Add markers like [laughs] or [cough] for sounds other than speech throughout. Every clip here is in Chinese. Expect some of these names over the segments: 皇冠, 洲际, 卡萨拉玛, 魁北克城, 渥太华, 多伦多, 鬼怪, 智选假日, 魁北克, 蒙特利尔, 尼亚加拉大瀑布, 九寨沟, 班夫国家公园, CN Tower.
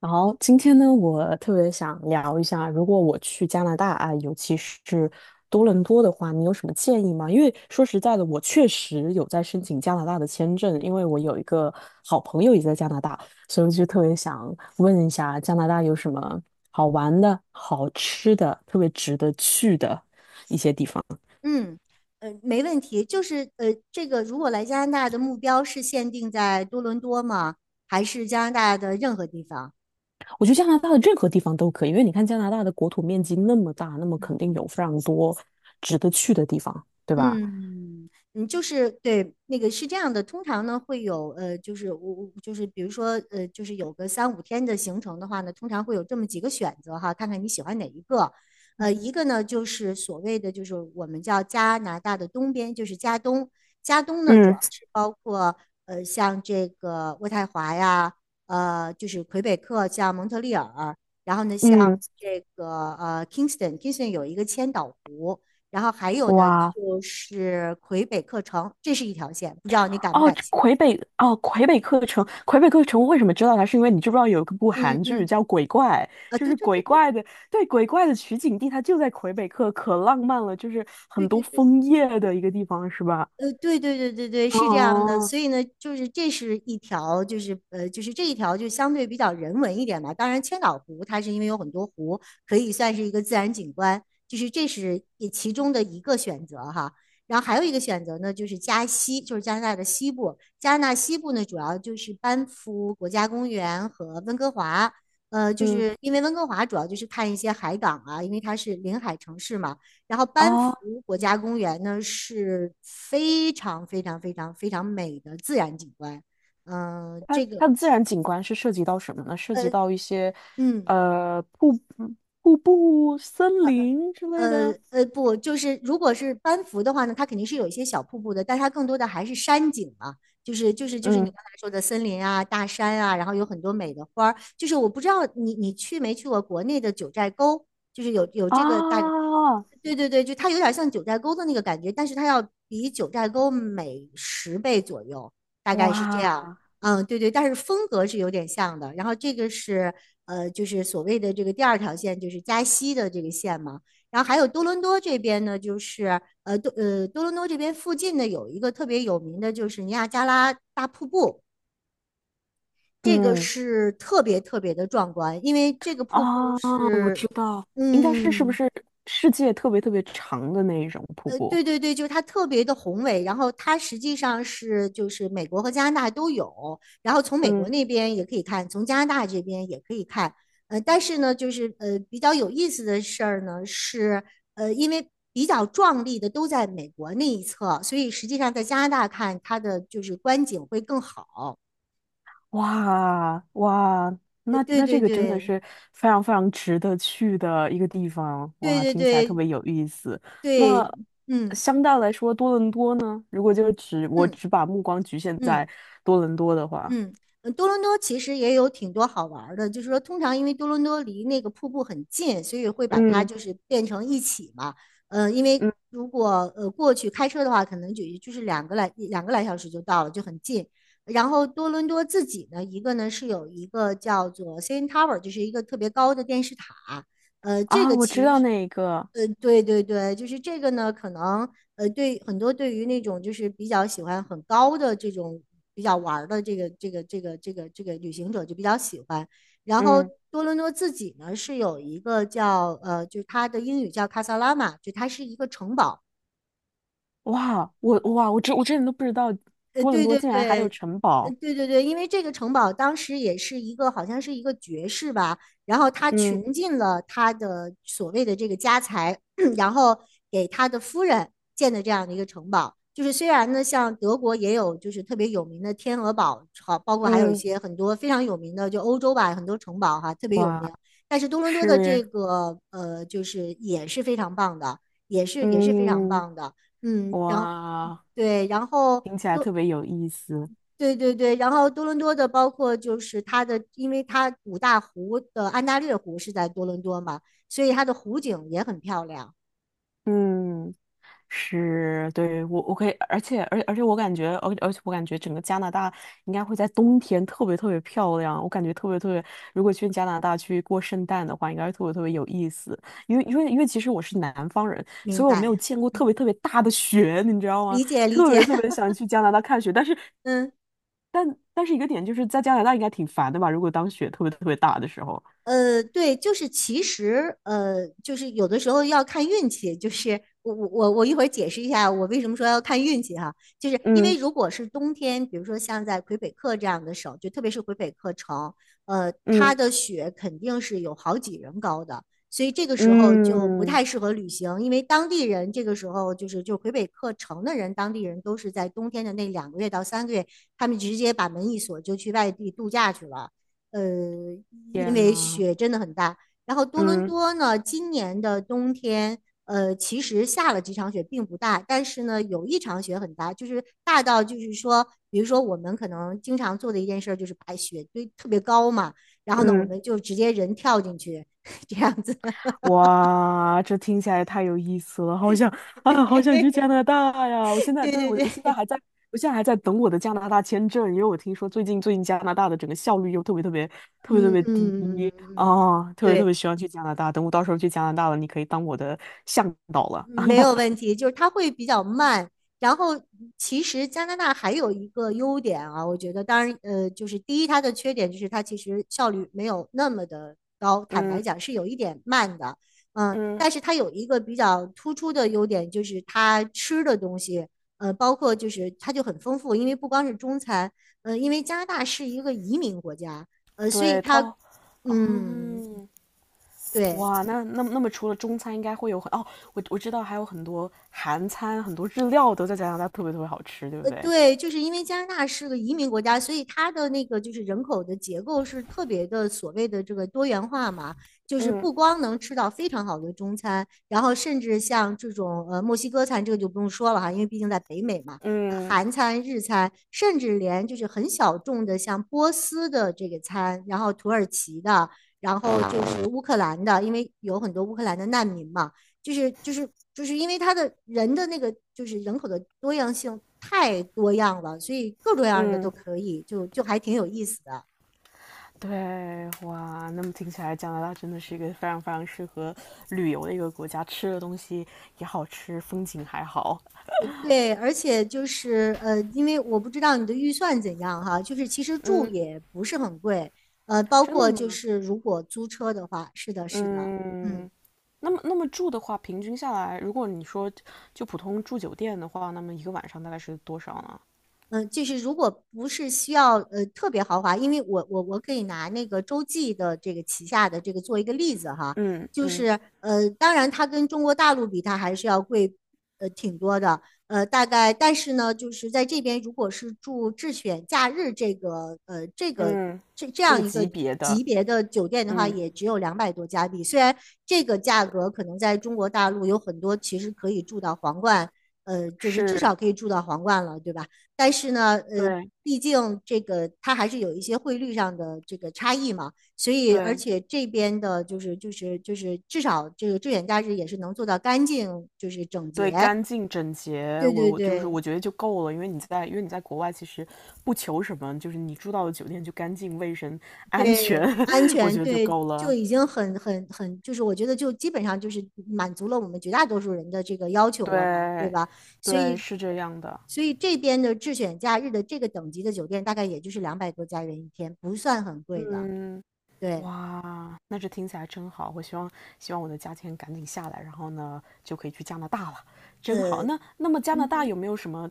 然后今天呢，我特别想聊一下，如果我去加拿大啊，尤其是多伦多的话，你有什么建议吗？因为说实在的，我确实有在申请加拿大的签证，因为我有一个好朋友也在加拿大，所以我就特别想问一下，加拿大有什么好玩的、好吃的、特别值得去的一些地方？嗯，没问题。这个如果来加拿大的目标是限定在多伦多吗？还是加拿大的任何地方？嗯我觉得加拿大的任何地方都可以，因为你看加拿大的国土面积那么大，那么肯定有非常多值得去的地方，对吧？嗯，对那个是这样的，通常呢会有就是我我就是比如说就是有个3-5天的行程的话呢，通常会有这么几个选择哈，看看你喜欢哪一个。一个呢就是所谓的就是我们叫加拿大的东边，就是加东。加东呢主要嗯是包括像这个渥太华呀，就是魁北克，像蒙特利尔，然后呢像嗯，这个Kingston，Kingston 有一个千岛湖。然后还有呢，哇，就是魁北克城，这是一条线，不知道你感不哦，感这兴趣？魁北哦，魁北克城，魁北克城，我为什么知道它？是因为你知不知道有一部嗯韩剧嗯，叫《鬼怪》，啊，就对是对鬼对怪的，对，鬼怪的取景地，它就在魁北克，可浪漫了，就是对很多对对对，枫叶的一个地方，是吧？对对对对对，是这样的，哦，所以呢，就是这是一条，就是这一条就相对比较人文一点吧。当然，千岛湖它是因为有很多湖，可以算是一个自然景观，就是这是也其中的一个选择哈。然后还有一个选择呢，就是加西，就是加拿大的西部。加拿大西部呢，主要就是班夫国家公园和温哥华。就嗯，是因为温哥华主要就是看一些海港啊，因为它是临海城市嘛。然后班啊，夫国嗯家公园呢是非常非常非常非常美的自然景观，嗯、呃它这个它的自然景观是涉及到什么呢？涉呃及到一些嗯呃瀑布瀑布、森林之类的。不，就是如果是班服的话呢，它肯定是有一些小瀑布的，但它更多的还是山景嘛，就是你嗯，刚才说的森林啊、大山啊，然后有很多美的花儿。就是我不知道你去没去过国内的九寨沟，就是有这个大，啊，对对对，就它有点像九寨沟的那个感觉，但是它要比九寨沟美10倍左右，大概是这样。哇，嗯，对对，但是风格是有点像的。然后这个是就是所谓的这个第二条线，就是加西的这个线嘛。然后还有多伦多这边呢，多伦多这边附近呢有一个特别有名的，就是尼亚加拉大瀑布，这个嗯。是特别特别的壮观，因为这个瀑布啊，我知是，道，应该是是不嗯，是世界特别特别长的那一种瀑布？对对对，就是它特别的宏伟，然后它实际上是就是美国和加拿大都有，然后从美国嗯，那边也可以看，从加拿大这边也可以看，但是呢，比较有意思的事儿呢是，因为比较壮丽的都在美国那一侧，所以实际上在加拿大看它的就是观景会更好。哇，哇，那对那这对个真的对是非常非常值得去的一个地方，对哇，对听起来特对别有意思。那对，嗯相对来说，多伦多呢？如果就是只我嗯只把目光局限嗯。在嗯多伦多的话，嗯，多伦多其实也有挺多好玩儿的，就是说，通常因为多伦多离那个瀑布很近，所以会把它嗯就是变成一起嘛。因为嗯，如果过去开车的话，可能就是2个来2个来小时就到了，就很近。然后多伦多自己呢，一个呢是有一个叫做 CN Tower，就是一个特别高的电视塔。这啊，个我知其道实，那一个，对对对，就是这个呢，可能。对很多对于那种就是比较喜欢很高的这种比较玩儿的这个旅行者就比较喜欢。然后嗯，多伦多自己呢是有一个叫就是它的英语叫卡萨拉玛，就它是一个城堡。哇，我之前都不知道多伦对多对竟然还对，有城堡。对对对，因为这个城堡当时也是一个，好像是一个爵士吧，然后他嗯穷尽了他的所谓的这个家财，[clears throat] 然后给他的夫人建的这样的一个城堡。就是虽然呢，像德国也有就是特别有名的天鹅堡，好，包括还有一嗯，些很多非常有名的，就欧洲吧，很多城堡哈，特别有哇，名。但是多伦多的这是，个就是也是非常棒的，也是非常嗯，棒的。嗯，然后哇，对，然后听起来特别有意思。对对对，然后多伦多的包括就是它的，因为它五大湖的安大略湖是在多伦多嘛，所以它的湖景也很漂亮。嗯。是，对，我可以，而且我感觉整个加拿大应该会在冬天特别特别漂亮。我感觉特别特别，如果去加拿大去过圣诞的话，应该是特别特别有意思。因为其实我是南方人，明所以我没有白，见过特别特别大的雪，你知道吗？理解理特解，别特别 [laughs] 想去加拿大看雪，但是嗯。一个点就是在加拿大应该挺烦的吧？如果当雪特别特别大的时候，对，就是其实，就是有的时候要看运气。就是我一会儿解释一下我为什么说要看运气哈，就是因为嗯，如果是冬天，比如说像在魁北克这样的省，就特别是魁北克城，它嗯，的雪肯定是有好几人高的，所以这个时候就不嗯。太适合旅行，因为当地人这个时候就魁北克城的人，当地人都是在冬天的那2个月到3个月，他们直接把门一锁就去外地度假去了。呃，因天为呐！雪真的很大。然后多伦嗯，多呢，今年的冬天，其实下了几场雪，并不大，但是呢，有一场雪很大，就是大到就是说，比如说我们可能经常做的一件事儿就是把雪堆特别高嘛，然后呢，我嗯。们就直接人跳进去，[laughs] 这样子。哇，这听起来太有意思了，好想啊，好想去加 [laughs] 拿大呀！我现在对对对我，我现对，在还在，我现在还在等我的加拿大签证，因为我听说最近加拿大的整个效率又特别特别特别特嗯别嗯嗯嗯低嗯，嗯啊，特别特别对。希望去加拿大。等我到时候去加拿大了，你可以当我的向导了。没 [laughs] 有问题，就是它会比较慢。然后，其实加拿大还有一个优点啊，我觉得，当然，就是第一，它的缺点就是它其实效率没有那么的高，坦嗯白讲是有一点慢的，嗯，嗯，但是它有一个比较突出的优点，就是它吃的东西，包括就是它就很丰富，因为不光是中餐，因为加拿大是一个移民国家，所以对，它，嗯，嗯，对。哇，那么除了中餐，应该会有我知道还有很多韩餐，很多日料都在加拿大特别特别好吃，对不对？对，就是因为加拿大是个移民国家，所以它的那个就是人口的结构是特别的所谓的这个多元化嘛，就是嗯。不光能吃到非常好的中餐，然后甚至像这种墨西哥餐，这个就不用说了哈，因为毕竟在北美嘛，嗯韩餐、日餐，甚至连就是很小众的像波斯的这个餐，然后土耳其的，然后就是乌克兰的，因为有很多乌克兰的难民嘛。就是因为它的人的那个就是人口的多样性太多样了，所以各种样的都嗯，可以，就还挺有意思的。对，哇，那么听起来加拿大真的是一个非常非常适合旅游的一个国家，吃的东西也好吃，风景还好，对，而且就是因为我不知道你的预算怎样哈，就是其实住也不是很贵，包真的括就吗？是如果租车的话，是的，是的，嗯。嗯，那么住的话，平均下来，如果你说就普通住酒店的话，那么一个晚上大概是多少呢？就是如果不是需要特别豪华，因为我可以拿那个洲际的这个旗下的这个做一个例子哈，嗯，就嗯，是当然它跟中国大陆比，它还是要贵挺多的，大概但是呢，就是在这边如果是住智选假日这个嗯，这这这样个一级个。别的，级别的酒店的话，嗯，也只有200多加币。虽然这个价格可能在中国大陆有很多，其实可以住到皇冠，就是至是，少可以住到皇冠了，对吧？但是呢，对毕竟这个它还是有一些汇率上的这个差异嘛，所以而对。且这边的就是至少这个坠险假日也是能做到干净，就是整对，洁，干净整洁，对我对我就是对我觉得就够了，因为你在国外其实不求什么，就是你住到的酒店就干净、卫生、[laughs] 安全，对，安 [laughs] 我全觉得就对。够就了。已经很，就是我觉得就基本上就是满足了我们绝大多数人的这个要求了嘛，对对，吧？所对，以，是这样的。所以这边的智选假日的这个等级的酒店大概也就是200多加元一天，不算很贵的。嗯，对，哇，那这听起来真好。我希望我的价钱赶紧下来，然后呢就可以去加拿大了，真好。呃，那么加拿嗯大哼，有没有什么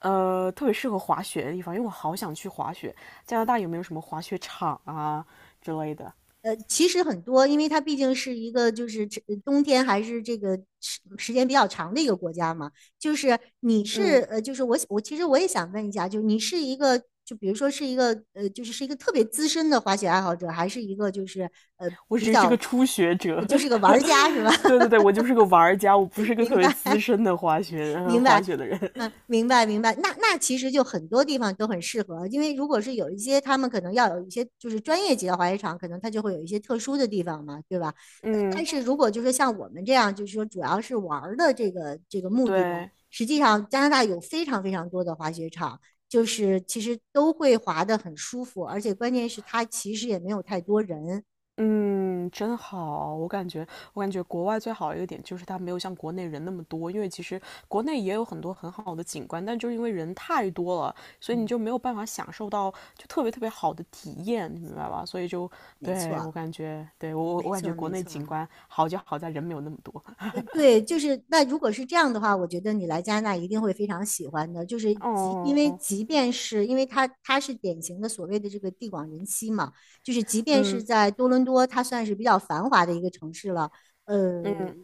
特别适合滑雪的地方？因为我好想去滑雪。加拿大有没有什么滑雪场啊之类的？其实很多，因为它毕竟是一个就是这冬天还是这个时间比较长的一个国家嘛。就是你是嗯。就是其实我也想问一下，就是你是一个就比如说是一个是一个特别资深的滑雪爱好者，还是一个就是呃我比只是较个初学者。就是一个玩家是吧？[laughs] 对对 [laughs] 对，我就是个玩家，我不是个特明别白。资深的滑雪 [laughs] 明滑白，雪的人。嗯，明白明白。那那其实就很多地方都很适合，因为如果是有一些他们可能要有一些就是专业级的滑雪场，可能它就会有一些特殊的地方嘛，对吧？但嗯，是如果就是像我们这样，就是说主要是玩儿的这个这个目的呢，对，实际上加拿大有非常非常多的滑雪场，就是其实都会滑得很舒服，而且关键是它其实也没有太多人。嗯，真好。我感觉国外最好的一个点就是它没有像国内人那么多，因为其实国内也有很多很好的景观，但就是因为人太多了，所以你嗯，就没有办法享受到就特别特别好的体验，你明白吧？所以就没对我错，感觉，没错，国没内错。景观好就好在人没有那么多。对，就是那如果是这样的话，我觉得你来加拿大一定会非常喜欢的。就是 [laughs] 即因为哦，即便是因为它它是典型的所谓的这个地广人稀嘛，就是即便是嗯，在多伦多，它算是比较繁华的一个城市了。呃，嗯，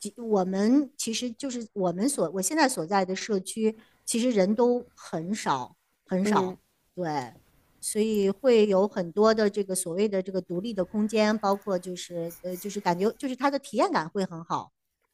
即我们其实就是我现在所在的社区，其实人都很少很嗯。少，对。所以会有很多的这个所谓的这个独立的空间，包括就是就是感觉就是它的体验感会很好。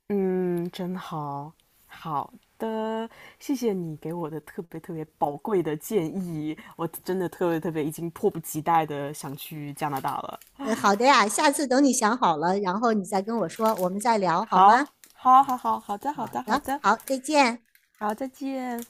嗯，真好，好的，谢谢你给我的特别特别宝贵的建议，我真的特别特别已经迫不及待的想去加拿大了。嗯，好的呀，下次等你想好了，然后你再跟我说，我们再聊好好，吗？好，好，好，好的，好好的，好的，的，好，再见。好，再见。